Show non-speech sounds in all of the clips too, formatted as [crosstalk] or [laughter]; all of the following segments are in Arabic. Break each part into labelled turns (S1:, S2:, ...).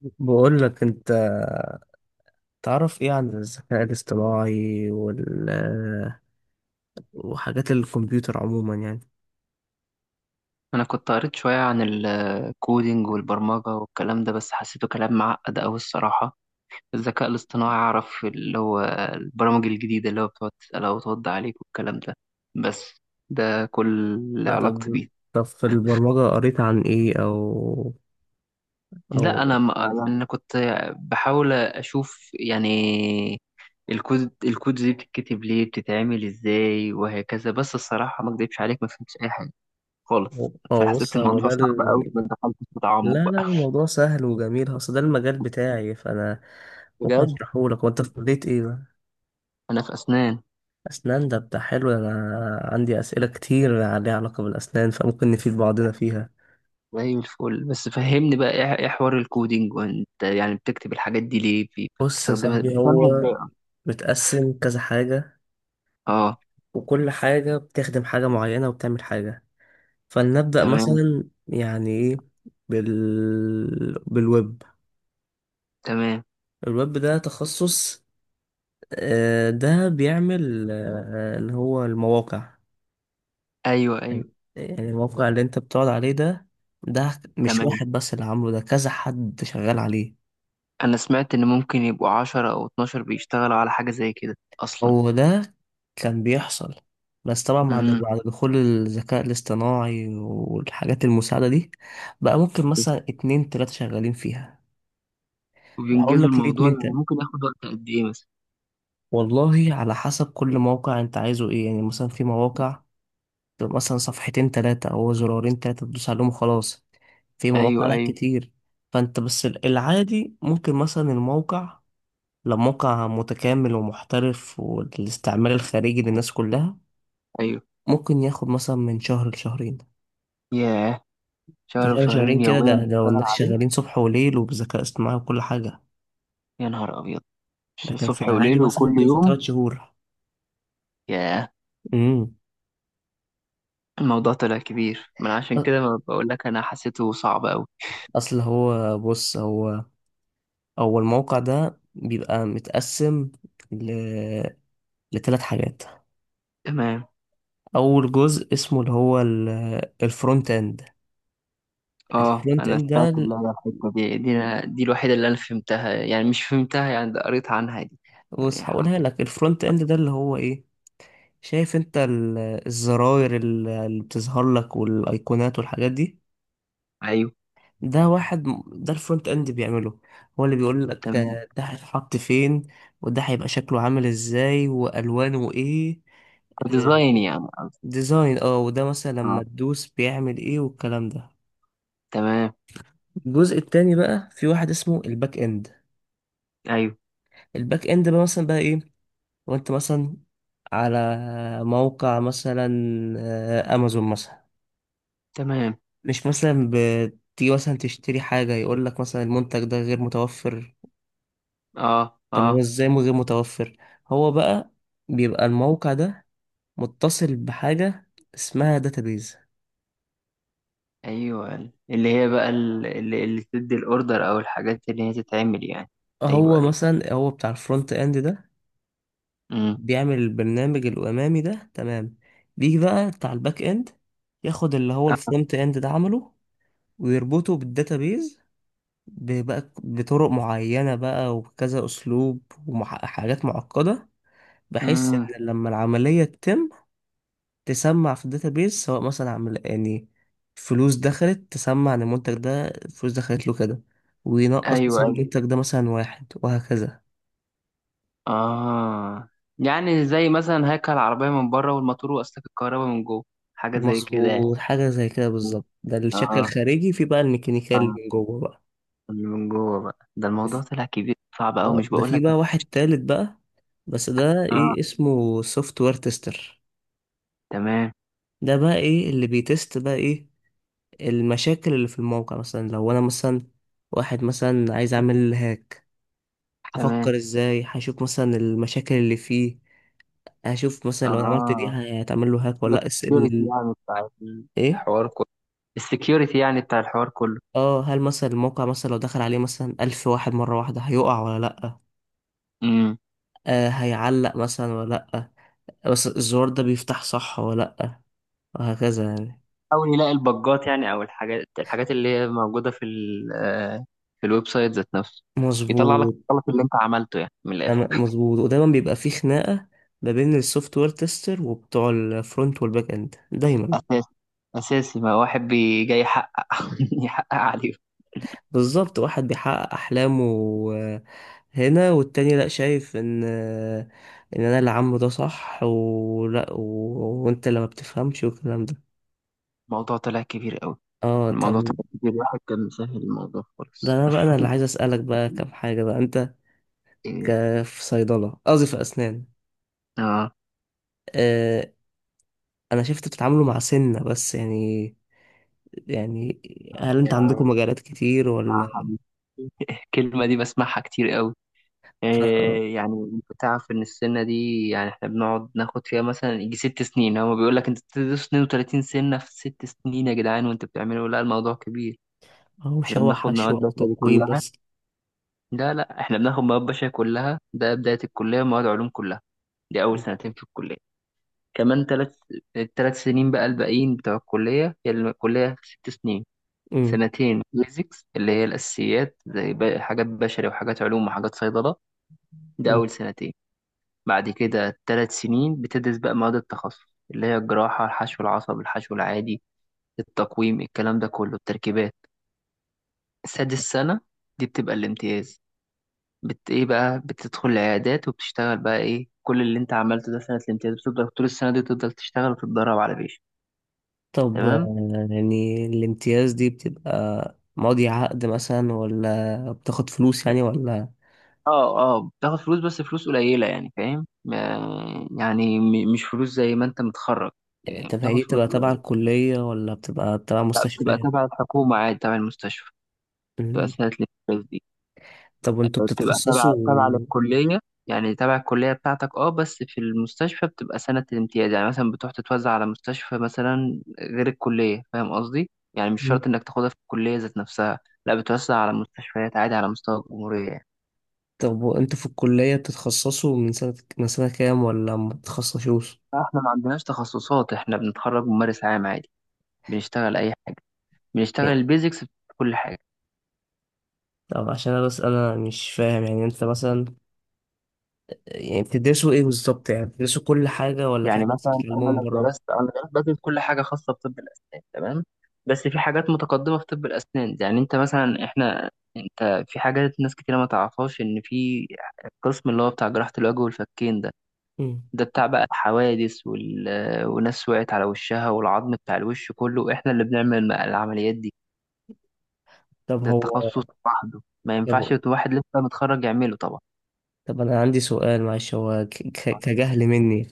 S1: بقول لك انت، تعرف ايه عن الذكاء الاصطناعي وحاجات الكمبيوتر عموما يعني؟
S2: أنا كنت قريت شوية عن الكودينج والبرمجة والكلام ده، بس حسيته كلام معقد أوي الصراحة. الذكاء الاصطناعي أعرف اللي هو البرامج الجديدة اللي هو بتقعد تسألها وترد عليك والكلام ده. بس ده كل اللي
S1: لا
S2: علاقتي
S1: طب،
S2: بيه.
S1: طب في البرمجة قريت عن ايه؟ او
S2: لا أنا ما أنا كنت بحاول أشوف يعني الكود دي بتتكتب ليه بتتعمل إزاي وهكذا. بس الصراحة ما أكدبش عليك، ما فهمتش أي حاجة خالص.
S1: او
S2: فحسيت
S1: بص، هو
S2: الموضوع [laughs]
S1: ده
S2: صعب أوي،
S1: ال...
S2: ما دخلتش في تعمق
S1: لا لا،
S2: بقى.
S1: الموضوع سهل وجميل، اصل ده المجال بتاعي، فانا ممكن
S2: بجد.
S1: اشرحه لك. وانت في كلية ايه بقى؟
S2: أنا في أسنان.
S1: اسنان؟ ده بتاع حلو، انا عندي اسئلة كتير ليها علاقة بالاسنان، فممكن نفيد بعضنا فيها.
S2: زي الفل، بس فهمني بقى إيه حوار الكودينج، وانت يعني بتكتب الحاجات دي ليه،
S1: بص يا
S2: بتستخدمها
S1: صاحبي،
S2: بتفهمها
S1: هو
S2: ازاي؟
S1: متقسم كذا حاجة،
S2: اه.
S1: وكل حاجة بتخدم حاجة معينة وبتعمل حاجة. فلنبدأ
S2: تمام.
S1: مثلا، يعني ايه بال... بالويب؟
S2: تمام.
S1: الويب ده تخصص، ده بيعمل اللي هو المواقع.
S2: ايوه، ايوه.
S1: يعني الموقع اللي انت بتقعد عليه ده، ده مش
S2: تمام.
S1: واحد بس اللي عامله، ده كذا حد شغال عليه.
S2: انا سمعت ان ممكن يبقوا 10 او 12 بيشتغلوا على حاجة زي كده اصلا.
S1: هو ده، كان بيحصل، بس طبعا بعد
S2: امم.
S1: دخول الذكاء الاصطناعي والحاجات المساعدة دي، بقى ممكن مثلا اتنين تلاتة شغالين فيها. هقول
S2: وبينجزوا
S1: لك ليه
S2: الموضوع،
S1: اتنين
S2: يعني
S1: تاني.
S2: ممكن ياخد وقت قد ايه مثلا؟
S1: والله على حسب كل موقع، انت عايزه ايه؟ يعني مثلا في مواقع تبقى مثلا صفحتين تلاتة او زرارين تلاتة تدوس عليهم وخلاص. في
S2: ايوه،
S1: مواقع لك
S2: ايوه.
S1: كتير، فانت بس ال- العادي ممكن مثلا الموقع، لو موقع متكامل ومحترف والاستعمال الخارجي للناس كلها،
S2: ايوه.
S1: ممكن ياخد مثلا من شهر لشهرين.
S2: ياه.
S1: ده
S2: شهر
S1: كام؟ شهرين
S2: وشهرين
S1: كده؟
S2: يوميا
S1: ده لو
S2: بتشتغل
S1: الناس
S2: عليه؟
S1: شغالين صبح وليل وبذكاء اصطناعي وكل حاجة.
S2: يا نهار ابيض.
S1: لكن في
S2: صبح
S1: العادي
S2: وليل
S1: مثلا
S2: وكل
S1: ممكن ياخد
S2: يوم.
S1: تلات شهور.
S2: ياه.
S1: امم.
S2: الموضوع طلع كبير، من عشان كده ما بقول لك انا حسيته صعب قوي.
S1: اصل هو بص، هو الموقع ده بيبقى متقسم ل... لثلاث حاجات.
S2: تمام.
S1: اول جزء اسمه اللي هو ال... الفرونت اند.
S2: اه،
S1: الفرونت
S2: انا
S1: اند
S2: سمعت اللي هي الحته دي، دي الوحيده اللي انا فهمتها، يعني مش فهمتها يعني، ده قريت عنها دي.
S1: بص
S2: يعني
S1: هقولها
S2: ح-
S1: لك، الفرونت اند ده اللي هو ايه؟ شايف انت ال... الزراير اللي بتظهر لك والايقونات والحاجات دي؟
S2: ايوه.
S1: ده واحد ده الفرونت اند بيعمله. هو اللي بيقول لك
S2: تمام.
S1: ده هيتحط فين، وده هيبقى شكله عامل ازاي والوانه ايه. آه،
S2: كديزاين يعني قصدي.
S1: ديزاين اه، وده مثلا لما
S2: اه.
S1: تدوس بيعمل ايه والكلام ده.
S2: تمام.
S1: الجزء التاني بقى في واحد اسمه الباك اند.
S2: ايوه.
S1: الباك اند بقى مثلا بقى ايه؟ وانت مثلا على موقع مثلا امازون مثلا،
S2: تمام.
S1: مش مثلا بتيجي مثلا تشتري حاجة، يقول لك مثلا المنتج ده غير متوفر.
S2: اه.
S1: طب هو
S2: اه.
S1: ازاي مو غير متوفر؟ هو بقى بيبقى الموقع ده متصل بحاجة اسمها داتابيز.
S2: ايوه، اللي هي بقى اللي تدي الاوردر او الحاجات اللي هي تتعمل يعني. ايوه،
S1: هو
S2: ايوه.
S1: مثلا، هو بتاع الفرونت اند ده
S2: امم.
S1: بيعمل البرنامج الامامي ده، تمام؟ بيجي بقى بتاع الباك اند، ياخد اللي هو الفرونت اند ده عمله ويربطه بالداتابيز، بقى بطرق معينة بقى وكذا اسلوب وحاجات معقدة، بحيث
S2: امم.
S1: ان لما العملية تتم، تسمع في الداتابيز، سواء مثلا عمل يعني فلوس دخلت، تسمع ان المنتج ده فلوس دخلت له كده، وينقص
S2: ايوه،
S1: مثلا
S2: ايوه.
S1: المنتج ده مثلا واحد، وهكذا.
S2: اه. يعني زي مثلا هيكل العربيه من بره، والموتور واسلاك الكهرباء من جوه. حاجه زي كده يعني.
S1: مظبوط، حاجة زي كده بالظبط، ده الشكل
S2: اه.
S1: الخارجي. في بقى الميكانيكال
S2: آه.
S1: من جوه بقى.
S2: اللي من جوه بقى، ده الموضوع طلع كبير صعب أوي مش
S1: ده
S2: بقول
S1: في
S2: لك.
S1: بقى واحد تالت بقى، بس ده
S2: اه.
S1: ايه اسمه؟ سوفت وير تيستر.
S2: تمام.
S1: ده بقى ايه اللي بيتست بقى؟ ايه المشاكل اللي في الموقع، مثلا لو انا مثلا واحد مثلا عايز اعمل هاك،
S2: تمام.
S1: هفكر ازاي، هشوف مثلا المشاكل اللي فيه، هشوف مثلا لو انا عملت دي
S2: اه.
S1: هتعمل له هاك ولا
S2: ده
S1: لأ. اس
S2: السكيورتي
S1: ال
S2: يعني بتاع
S1: ايه؟
S2: الحوار كله. السكيورتي يعني بتاع الحوار كله
S1: اه، هل مثلا الموقع مثلا لو دخل عليه مثلا ألف واحد مرة واحدة هيقع ولا لأ،
S2: امم.
S1: آه هيعلق مثلا ولا لأ، بس الزرار ده بيفتح صح ولا لأ، وهكذا يعني.
S2: حاول يلاقي البجات يعني، او الحاجات اللي هي موجودة في ال آه، في الويب سايت ذات نفسه. يطلع لك
S1: مظبوط،
S2: الغلط اللي انت عملته يعني من الاخر.
S1: تمام، مظبوط. ودايما بيبقى فيه خناقة ما بين السوفت وير تيستر وبتوع الفرونت والباك اند دايما.
S2: اساسي. اساسي، ما واحد بي جاي يحقق [laughs] يحقق عليه.
S1: بالظبط، واحد بيحقق أحلامه آه، هنا، والتاني لأ، شايف إن إن أنا اللي عامله ده صح ولأ، وأنت اللي ما بتفهمش والكلام ده.
S2: الموضوع طلع كبير قوي.
S1: اه
S2: الموضوع
S1: طب،
S2: طلع كبير، الواحد كان مسهل الموضوع
S1: ده
S2: خالص.
S1: أنا بقى أنا اللي عايز أسألك بقى كام حاجة بقى. أنت
S2: إيه.
S1: في صيدلة، قصدي في أسنان.
S2: اه.
S1: آه، انا شفت بتتعاملوا مع سنة بس يعني، يعني هل انت عندكم
S2: يعني
S1: مجالات كتير ولا
S2: بصراحة الكلمة دي بسمعها كتير قوي.
S1: ف-
S2: إيه يعني، انت تعرف ان السنة دي يعني احنا بنقعد ناخد فيها مثلا يجي 6 سنين. هو بيقول لك انت بتدرس 32 سنة في 6 سنين يا جدعان وانت بتعملوا؟ لا الموضوع كبير.
S1: او
S2: احنا
S1: شوح
S2: بناخد
S1: حشو
S2: مواد
S1: او
S2: بشري
S1: تقويم
S2: كلها.
S1: بس؟
S2: لا لا، احنا بناخد مواد بشري كلها، ده بداية الكلية، ومواد علوم كلها. دي أول سنتين في الكلية. كمان ثلاث الثلاث سنين بقى الباقيين بتوع الكلية. هي الكلية 6 سنين.
S1: امم.
S2: سنتين بيزكس، اللي هي الأساسيات، زي حاجات بشري وحاجات علوم وحاجات صيدلة. ده
S1: امم.
S2: أول سنتين. بعد كده 3 سنين بتدرس بقى مواد التخصص، اللي هي الجراحة، الحشو العصب، الحشو العادي، التقويم، الكلام ده كله، التركيبات. سادس سنة دي بتبقى الامتياز. بت ايه بقى، بتدخل العيادات وبتشتغل بقى ايه كل اللي انت عملته ده. سنة الامتياز بتفضل طول السنة دي تفضل تشتغل وتتدرب على بيش.
S1: طب
S2: تمام.
S1: يعني الامتياز دي بتبقى ماضي عقد مثلا ولا بتاخد فلوس يعني ولا؟
S2: اه اه، بتاخد فلوس بس فلوس قليلة يعني، فاهم؟ مش فلوس زي ما انت متخرج، يعني
S1: طب هي
S2: بتاخد
S1: دي
S2: فلوس
S1: بتبقى تبع
S2: قليلة.
S1: الكلية ولا بتبقى تبع
S2: لا بتبقى
S1: مستشفيات؟
S2: تبع الحكومة عادي، تبع المستشفى. بتبقى
S1: أمم.
S2: سنة الفلوس دي.
S1: طب وانتوا
S2: بتبقى تبع
S1: بتتخصصوا؟
S2: للكلية. يعني تبع الكلية بتاعتك اه، بس في المستشفى بتبقى سنة الامتياز، يعني مثلا بتروح تتوزع على مستشفى مثلا غير الكلية، فاهم قصدي؟ يعني مش
S1: أمم.
S2: شرط انك تاخدها في الكلية ذات نفسها. لا بتوزع على مستشفيات عادي على مستوى الجمهورية يعني.
S1: طب وانتوا في الكلية بتتخصصوا من سنة، من سنة كام؟ ولا ما بتتخصصوش؟
S2: احنا ما عندناش تخصصات، احنا بنتخرج ممارس عام عادي. بنشتغل اي حاجه. بنشتغل البيزكس في كل حاجه.
S1: طب عشان انا بس انا مش فاهم، يعني انت مثلا، يعني بتدرسوا ايه بالظبط؟ يعني بتدرسوا كل حاجة ولا في
S2: يعني
S1: حاجات
S2: مثلا انا
S1: بتتعلموها من
S2: لو
S1: بره؟
S2: درست، انا درست بدرس كل حاجه خاصه بطب الاسنان تمام. بس في حاجات متقدمه في طب الاسنان، يعني انت مثلا احنا، انت في حاجات ناس كتير ما تعرفهاش ان في القسم اللي هو بتاع جراحه الوجه والفكين ده.
S1: مم.
S2: ده بتاع بقى الحوادث وناس وقعت على وشها والعظم بتاع الوش كله احنا اللي بنعمل العمليات دي.
S1: طب
S2: ده
S1: هو،
S2: التخصص لوحده ما ينفعش
S1: طب،
S2: واحد لسه متخرج يعمله طبعا.
S1: طب انا عندي سؤال معلش، هو ك... كجهل مني،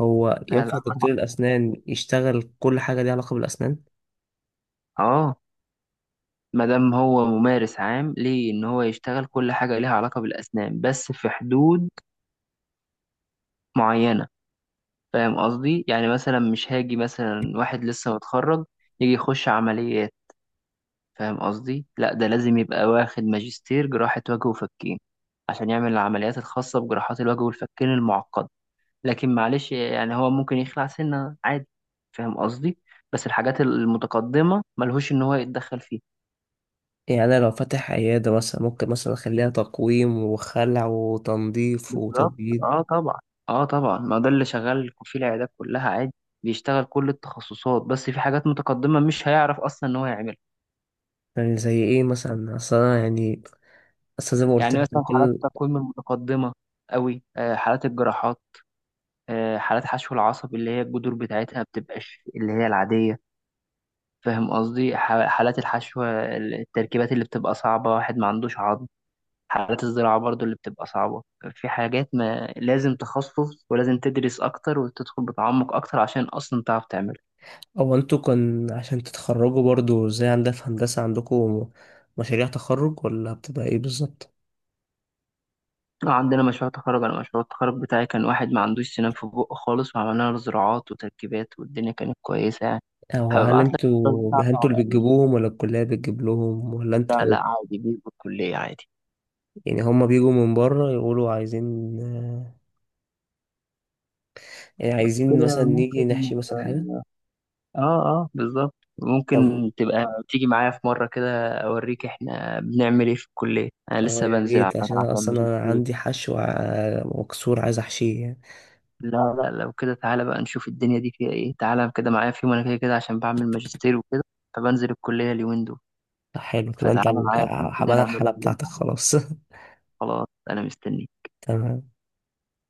S1: هو
S2: لا
S1: ينفع
S2: لا.
S1: دكتور الاسنان يشتغل كل حاجة ليها علاقة بالاسنان؟
S2: اه، ما دام هو ممارس عام ليه ان هو يشتغل كل حاجه ليها علاقه بالاسنان، بس في حدود معينه. فاهم قصدي؟ يعني مثلا مش هاجي مثلا واحد لسه متخرج يجي يخش عمليات، فاهم قصدي؟ لا، ده لازم يبقى واخد ماجستير جراحه وجه وفكين عشان يعمل العمليات الخاصه بجراحات الوجه والفكين المعقده. لكن معلش يعني هو ممكن يخلع سنه عادي، فاهم قصدي؟ بس الحاجات المتقدمه ملهوش ان هو يتدخل فيها.
S1: يعني انا لو فاتح عيادة مثلا، ممكن مثلا اخليها تقويم وخلع وتنظيف
S2: بالظبط،
S1: وتبييض؟
S2: اه طبعا. اه طبعا، ما ده اللي شغال في العيادات كلها عادي. بيشتغل كل التخصصات، بس في حاجات متقدمة مش هيعرف اصلا ان هو يعملها.
S1: يعني زي ايه مثلا؟ اصل انا يعني، اصل زي ما قلت
S2: يعني
S1: لك.
S2: مثلا حالات التقويم المتقدمة قوي، آه، حالات الجراحات، آه، حالات حشو العصب اللي هي الجذور بتاعتها بتبقاش اللي هي العادية، فاهم قصدي؟ حالات الحشو، التركيبات اللي بتبقى صعبة، واحد ما عندوش عظم. حالات الزراعة برضو اللي بتبقى صعبة. في حاجات ما، لازم تخصص ولازم تدرس أكتر وتدخل بتعمق أكتر عشان أصلا تعرف تعمل.
S1: او انتوا كان عشان تتخرجوا برضو زي عندنا في هندسة، عندكم مشاريع تخرج ولا بتبقى ايه بالظبط؟
S2: اه عندنا مشروع تخرج. انا مشروع التخرج بتاعي كان واحد ما عندوش سنان في بقه خالص، وعملنا له زراعات وتركيبات والدنيا كانت كويسة يعني.
S1: او هل
S2: هبعت لك الصور
S1: انتوا،
S2: بتاعته
S1: هل انتوا اللي
S2: على
S1: بتجيبوهم ولا الكلية بتجيب لهم ولا
S2: لا
S1: انتوا؟
S2: لا عادي بيه الكلية عادي.
S1: يعني هما بيجوا من بره يقولوا عايزين يعني عايزين
S2: كده
S1: مثلا نيجي
S2: ممكن،
S1: نحشي مثلا حاجة؟
S2: اه. اه آه، بالظبط.
S1: طب
S2: ممكن تبقى تيجي معايا في مرة كده اوريك احنا بنعمل ايه في الكلية، انا
S1: اه
S2: لسه
S1: يا
S2: بنزل على
S1: ريت، عشان
S2: فكرة
S1: انا
S2: عشان
S1: اصلا انا
S2: ماجستير.
S1: عندي حشو وكسور عايز احشيه يعني.
S2: لا لا، لو كده تعالى بقى نشوف الدنيا دي فيها ايه. تعالى كده معايا في يوم، انا كده كده عشان بعمل ماجستير وكده، فبنزل الكلية اليومين دول.
S1: طب حلو كده، انت
S2: فتعالى
S1: ال-
S2: معايا بكرة
S1: هبقى
S2: كده
S1: انا
S2: نعملها
S1: الحالة
S2: كده.
S1: بتاعتك خلاص. [laughs]
S2: خلاص أنا مستنيك.
S1: تمام.